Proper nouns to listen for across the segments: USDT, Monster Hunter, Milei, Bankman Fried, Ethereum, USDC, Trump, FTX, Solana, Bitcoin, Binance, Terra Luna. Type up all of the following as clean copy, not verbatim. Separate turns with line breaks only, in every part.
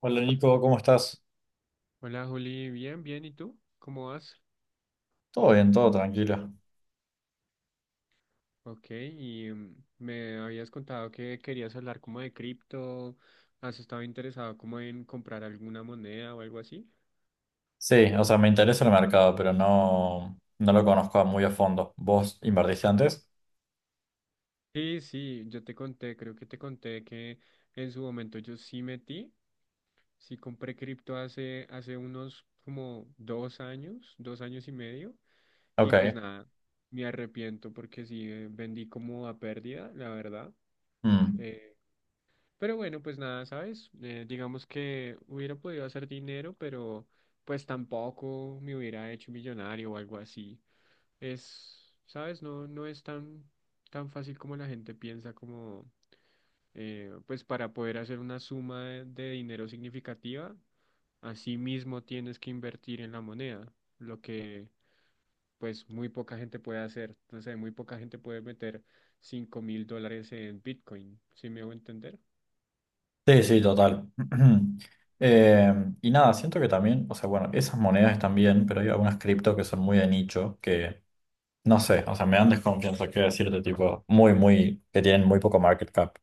Hola Nico, ¿cómo estás?
Hola Juli, bien, bien, ¿y tú? ¿Cómo vas?
Todo bien, todo tranquilo.
Ok, y me habías contado que querías hablar como de cripto. ¿Has estado interesado como en comprar alguna moneda o algo así?
Sí, o sea, me interesa el mercado, pero no, no lo conozco muy a fondo. ¿Vos invertiste antes?
Sí, sí, yo te conté, creo que te conté que en su momento yo sí metí, sí compré cripto hace unos como 2 años, 2 años y medio. Y pues
Ok.
nada, me arrepiento porque sí vendí como a pérdida, la verdad.
Mm.
eh, Pero bueno, pues nada, ¿sabes? Digamos que hubiera podido hacer dinero, pero pues tampoco me hubiera hecho millonario o algo así. Es, ¿sabes? No, no es tan fácil como la gente piensa, como pues para poder hacer una suma de dinero significativa. Así mismo tienes que invertir en la moneda, lo que pues muy poca gente puede hacer. No sé, muy poca gente puede meter $5.000 en Bitcoin, ¿si me hago entender?
Sí, sí, total. Eh, y nada, siento que también, o sea, bueno, esas monedas están bien, pero hay algunas cripto que son muy de nicho, que no sé, o sea, me dan desconfianza, quiero decirte, tipo, muy, muy, que tienen muy poco market cap.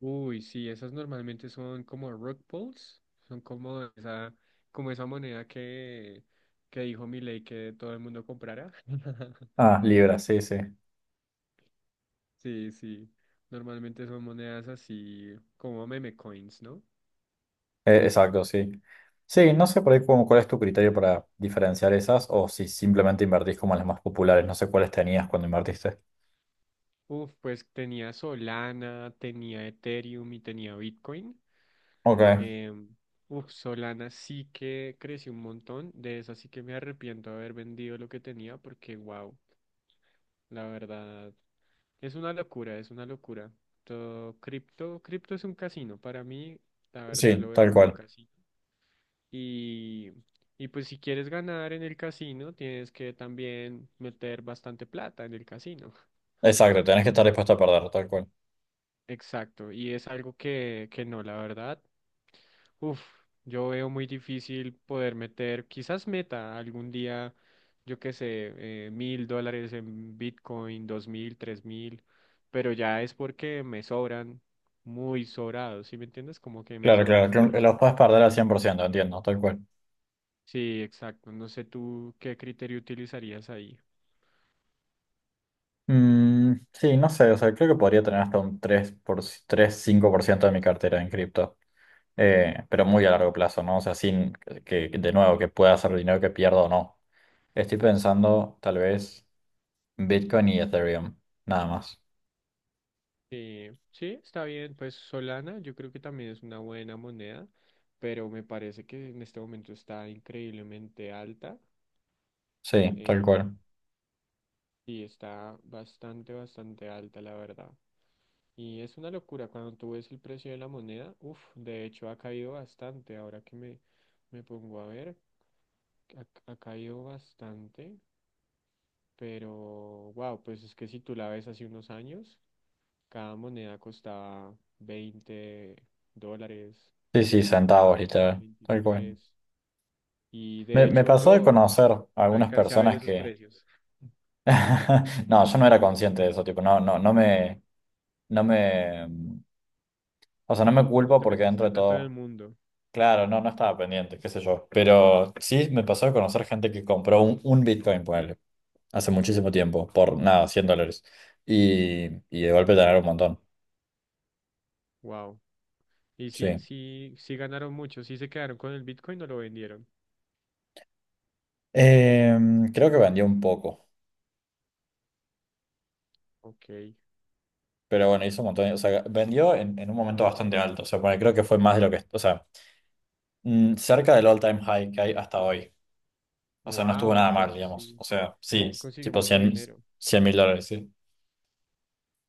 Uy, sí, esas normalmente son como rock balls, son como esa moneda que dijo Milei que todo el mundo comprara.
Ah, Libra, sí, sí.
Sí, sí, normalmente son monedas así como meme coins, ¿no?
Exacto, sí. Sí, no sé por ahí cuál es tu criterio para diferenciar esas o si simplemente invertís como en las más populares. No sé cuáles tenías cuando invertiste.
Uf, pues tenía Solana, tenía Ethereum y tenía Bitcoin.
Ok,
Em, uf, Solana sí que creció un montón, de esa sí que me arrepiento de haber vendido lo que tenía porque, wow. La verdad. Es una locura, es una locura. Todo cripto es un casino. Para mí, la verdad,
sí,
lo veo
tal
como un
cual.
casino. Y, y pues si quieres ganar en el casino, tienes que también meter bastante plata en el casino.
Exacto, tenés que estar dispuesto a perder, tal cual.
Exacto. Y es algo que no, la verdad. Uf, yo veo muy difícil poder meter, quizás meta algún día, yo qué sé, $1.000 en Bitcoin, 2.000, 3.000, pero ya es porque me sobran muy sobrados, ¿sí me entiendes? Como que me
Claro,
sobran
claro, que los
mucho.
puedes perder al 100% entiendo, tal cual.
Sí, exacto. No sé tú qué criterio utilizarías ahí.
Mm, sí, no sé, o sea, creo que podría tener hasta un tres cinco por ciento de mi cartera en cripto. Pero muy a largo plazo, ¿no? O sea, sin que de nuevo, que pueda hacer dinero que pierda o no. Estoy pensando tal vez Bitcoin y Ethereum, nada más.
Sí, está bien. Pues Solana, yo creo que también es una buena moneda, pero me parece que en este momento está increíblemente alta.
Sí, tal
em,
cual.
Sí, está bastante, bastante alta, la verdad. Y es una locura cuando tú ves el precio de la moneda. Uf, de hecho ha caído bastante. Ahora que me pongo a ver, ha, ha caído bastante. Pero, wow, pues es que si tú la ves hace unos años, cada moneda costaba $20,
Sí, sí, centavos, literal, tal cual.
23. Y
Me,
de
me
hecho
pasó de
yo
conocer algunas
alcancé a ver
personas
esos
que
precios.
no, yo no era consciente de eso, tipo, no, no, no me, no me, o sea, no me
No
culpo
te
porque dentro
metiste
de
tanto en el
todo,
mundo.
claro, no, no estaba pendiente, qué sé yo, pero sí me pasó de conocer gente que compró un Bitcoin, ponele, hace muchísimo tiempo, por nada, 100 dólares, y de golpe tener un montón,
Wow. Y sí,
sí.
sí, sí ganaron mucho, sí se quedaron con el Bitcoin o lo vendieron.
Eh, Creo que vendió un poco,
Ok,
pero bueno, hizo un montón, o sea, vendió en un momento bastante alto, o sea, ponele, creo que fue más de lo que, o sea, cerca del all-time high que hay hasta hoy. O sea, no estuvo
wow,
nada mal,
entonces
digamos.
sí,
O sea, sí, es
consiguió
tipo
mucho
cien
dinero.
mil dólares, sí.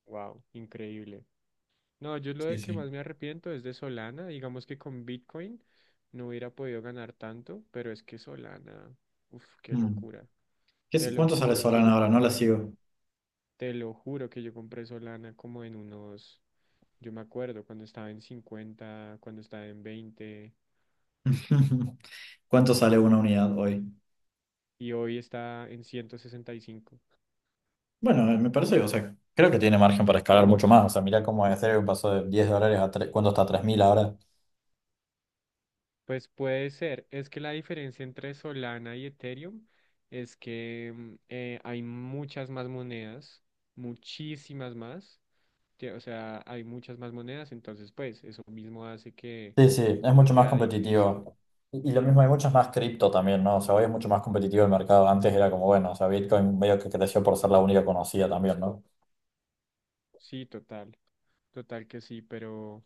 Wow, increíble. No, yo lo
Sí,
de que
sí.
más me arrepiento es de Solana, digamos que con Bitcoin no hubiera podido ganar tanto, pero es que Solana, uff, qué
Mm.
locura. Te lo
¿Cuánto sale
juro que
Solana
yo
ahora? No la
compré,
sigo.
te lo juro que yo compré Solana como en unos, yo me acuerdo cuando estaba en 50, cuando estaba en 20
¿Cuánto sale una unidad hoy?
y hoy está en 165.
Bueno, me parece, o sea, creo que tiene margen para escalar mucho más. O sea, mirá cómo Ethereum pasó de 10 dólares a tres, ¿cuánto está? 3.000 ahora.
Pues puede ser. Es que la diferencia entre Solana y Ethereum es que hay muchas más monedas, muchísimas más. O sea, hay muchas más monedas, entonces pues eso mismo hace que,
Sí, sí, es
que
mucho más
sea difícil.
competitivo. Y lo mismo, hay muchas más cripto también, ¿no? O sea, hoy es mucho más competitivo el mercado. Antes era como, bueno, o sea, Bitcoin medio que creció por ser la única conocida también, ¿no?
Sí, total, total que sí, pero,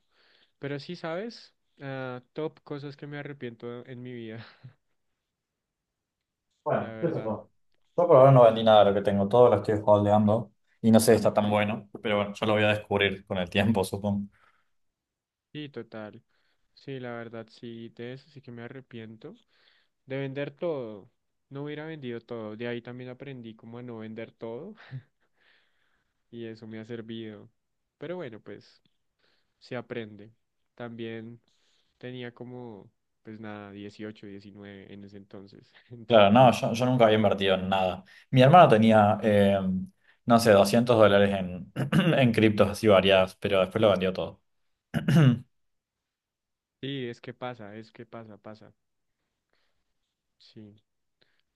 pero sí, ¿sabes? Ah, top cosas que me arrepiento en mi vida, la
Bueno, qué sé
verdad.
yo. Yo por ahora no vendí nada de lo que tengo, todo lo estoy holdeando y no sé si está tan bueno, pero bueno, yo lo voy a descubrir con el tiempo, supongo.
Sí, total. Sí, la verdad, sí, de eso sí que me arrepiento. De vender todo. No hubiera vendido todo. De ahí también aprendí como a no vender todo y eso me ha servido. Pero bueno, pues se aprende. También tenía como, pues nada, 18, 19 en ese entonces.
Claro, no,
Entonces,
yo nunca había invertido en nada. Mi hermano tenía, no sé, 200 dólares en, en criptos así variadas, pero después lo vendió todo.
sí, es que pasa, pasa. Sí,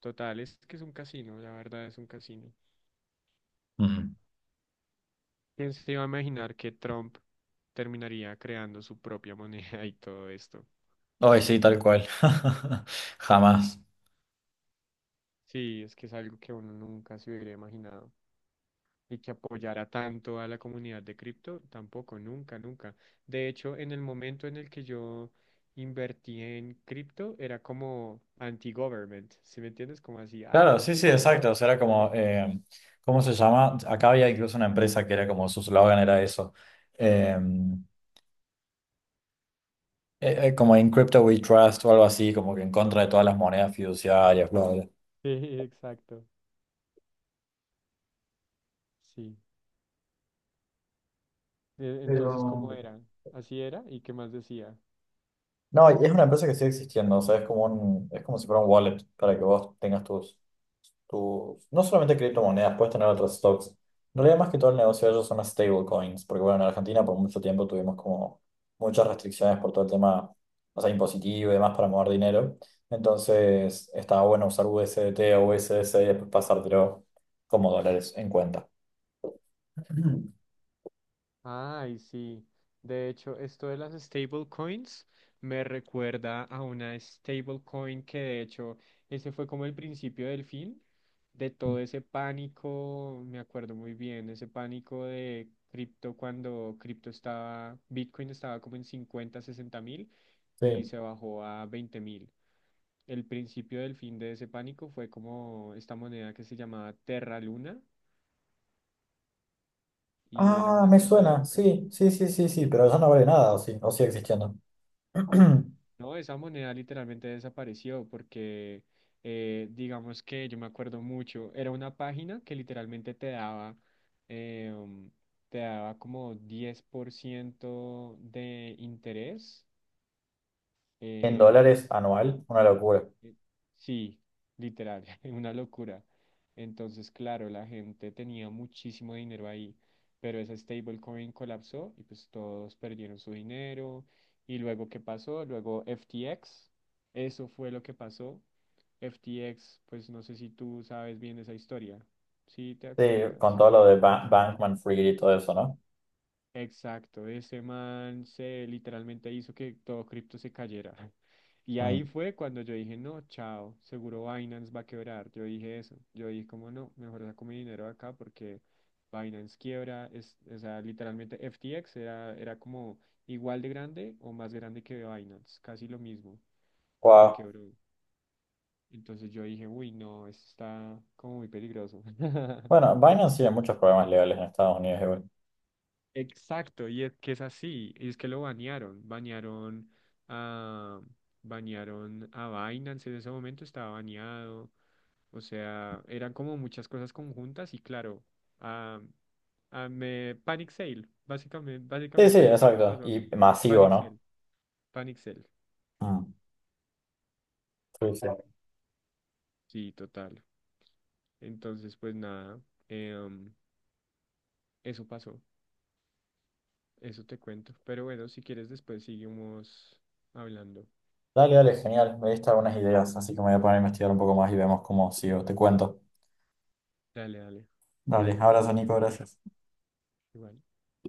total, es que es un casino, la verdad es un casino.
Mm.
¿Quién se iba a imaginar que Trump terminaría creando su propia moneda y todo esto?
Ay, sí, tal cual. Jamás.
Sí, es que es algo que uno nunca se hubiera imaginado. Y que apoyara tanto a la comunidad de cripto, tampoco, nunca, nunca. De hecho, en el momento en el que yo invertí en cripto, era como anti-government, ¿sí me entiendes? Como así,
Claro, sí, sí, exacto. O sea, era
ah,
como, ¿cómo se llama? Acá había incluso una empresa que era como su slogan era eso. Em, Como en Crypto We Trust o algo así, como que en contra de todas las monedas fiduciarias, bla, bla.
sí, exacto, sí. Entonces,
Pero.
¿cómo era? Así era, ¿y qué más decía?
No, y es una empresa que sigue existiendo, o sea, es como si fuera un wallet para que vos tengas tus, no solamente criptomonedas, puedes tener otros stocks. En realidad, más que todo el negocio de ellos son las stablecoins, porque bueno, en Argentina por mucho tiempo tuvimos como muchas restricciones por todo el tema, o sea, impositivo y demás para mover dinero. Entonces, estaba bueno usar USDT o USDC y después pasártelo como dólares en cuenta.
Ay, sí. De hecho, esto de las stablecoins me recuerda a una stablecoin que de hecho ese fue como el principio del fin de todo ese pánico, me acuerdo muy bien, ese pánico de cripto cuando Bitcoin estaba como en 50, 60 mil y
Sí.
se bajó a 20 mil. El principio del fin de ese pánico fue como esta moneda que se llamaba Terra Luna y era
Ah,
una
me
cosa
suena.
loca.
Sí, sí, sí, sí, sí, pero eso no vale nada, o sí, o sigue existiendo.
No, esa moneda literalmente desapareció porque, digamos que yo me acuerdo mucho, era una página que literalmente eh, um, te daba como 10% de interés.
En
eh,
dólares anual, una locura.
eh, Sí, literal, una locura. Entonces, claro, la gente tenía muchísimo dinero ahí, pero esa stablecoin colapsó y pues todos perdieron su dinero. Y luego, ¿qué pasó? Luego FTX, eso fue lo que pasó. FTX, pues no sé si tú sabes bien esa historia, si te
Sí, con
acuerdas.
todo lo de Bankman Fried y todo eso, ¿no?
Exacto, ese man se literalmente hizo que todo cripto se cayera. Y
Mm.
ahí fue cuando yo dije, no, chao, seguro Binance va a quebrar. Yo dije eso. Yo dije, como no, mejor saco mi dinero acá porque Binance quiebra. Es, o sea, literalmente FTX era como igual de grande o más grande que Binance, casi lo mismo, y
Wow.
quebró. Entonces yo dije, uy, no, esto está como muy peligroso.
Bueno, Binance tiene muchos problemas legales en Estados Unidos igual.
Exacto, y es que es así, y es que lo a, banearon a Binance en ese momento, estaba baneado, o sea, eran como muchas cosas conjuntas y claro, a, a me Panic Sale, básicamente,
Sí, sí,
básicamente eso me
exacto.
pasó a mí,
Y masivo,
Panic
¿no?
Sale, Panic Sale,
Mm. Sí, sí.
sí, total. Entonces, pues nada, em, eso pasó, eso te cuento, pero bueno, si quieres después seguimos hablando,
Dale, dale, genial. Me diste algunas ideas, así que me voy a poner a investigar un poco más y vemos cómo sigo. Te cuento.
dale, dale,
Dale, abrazo, Nico, gracias.
igual.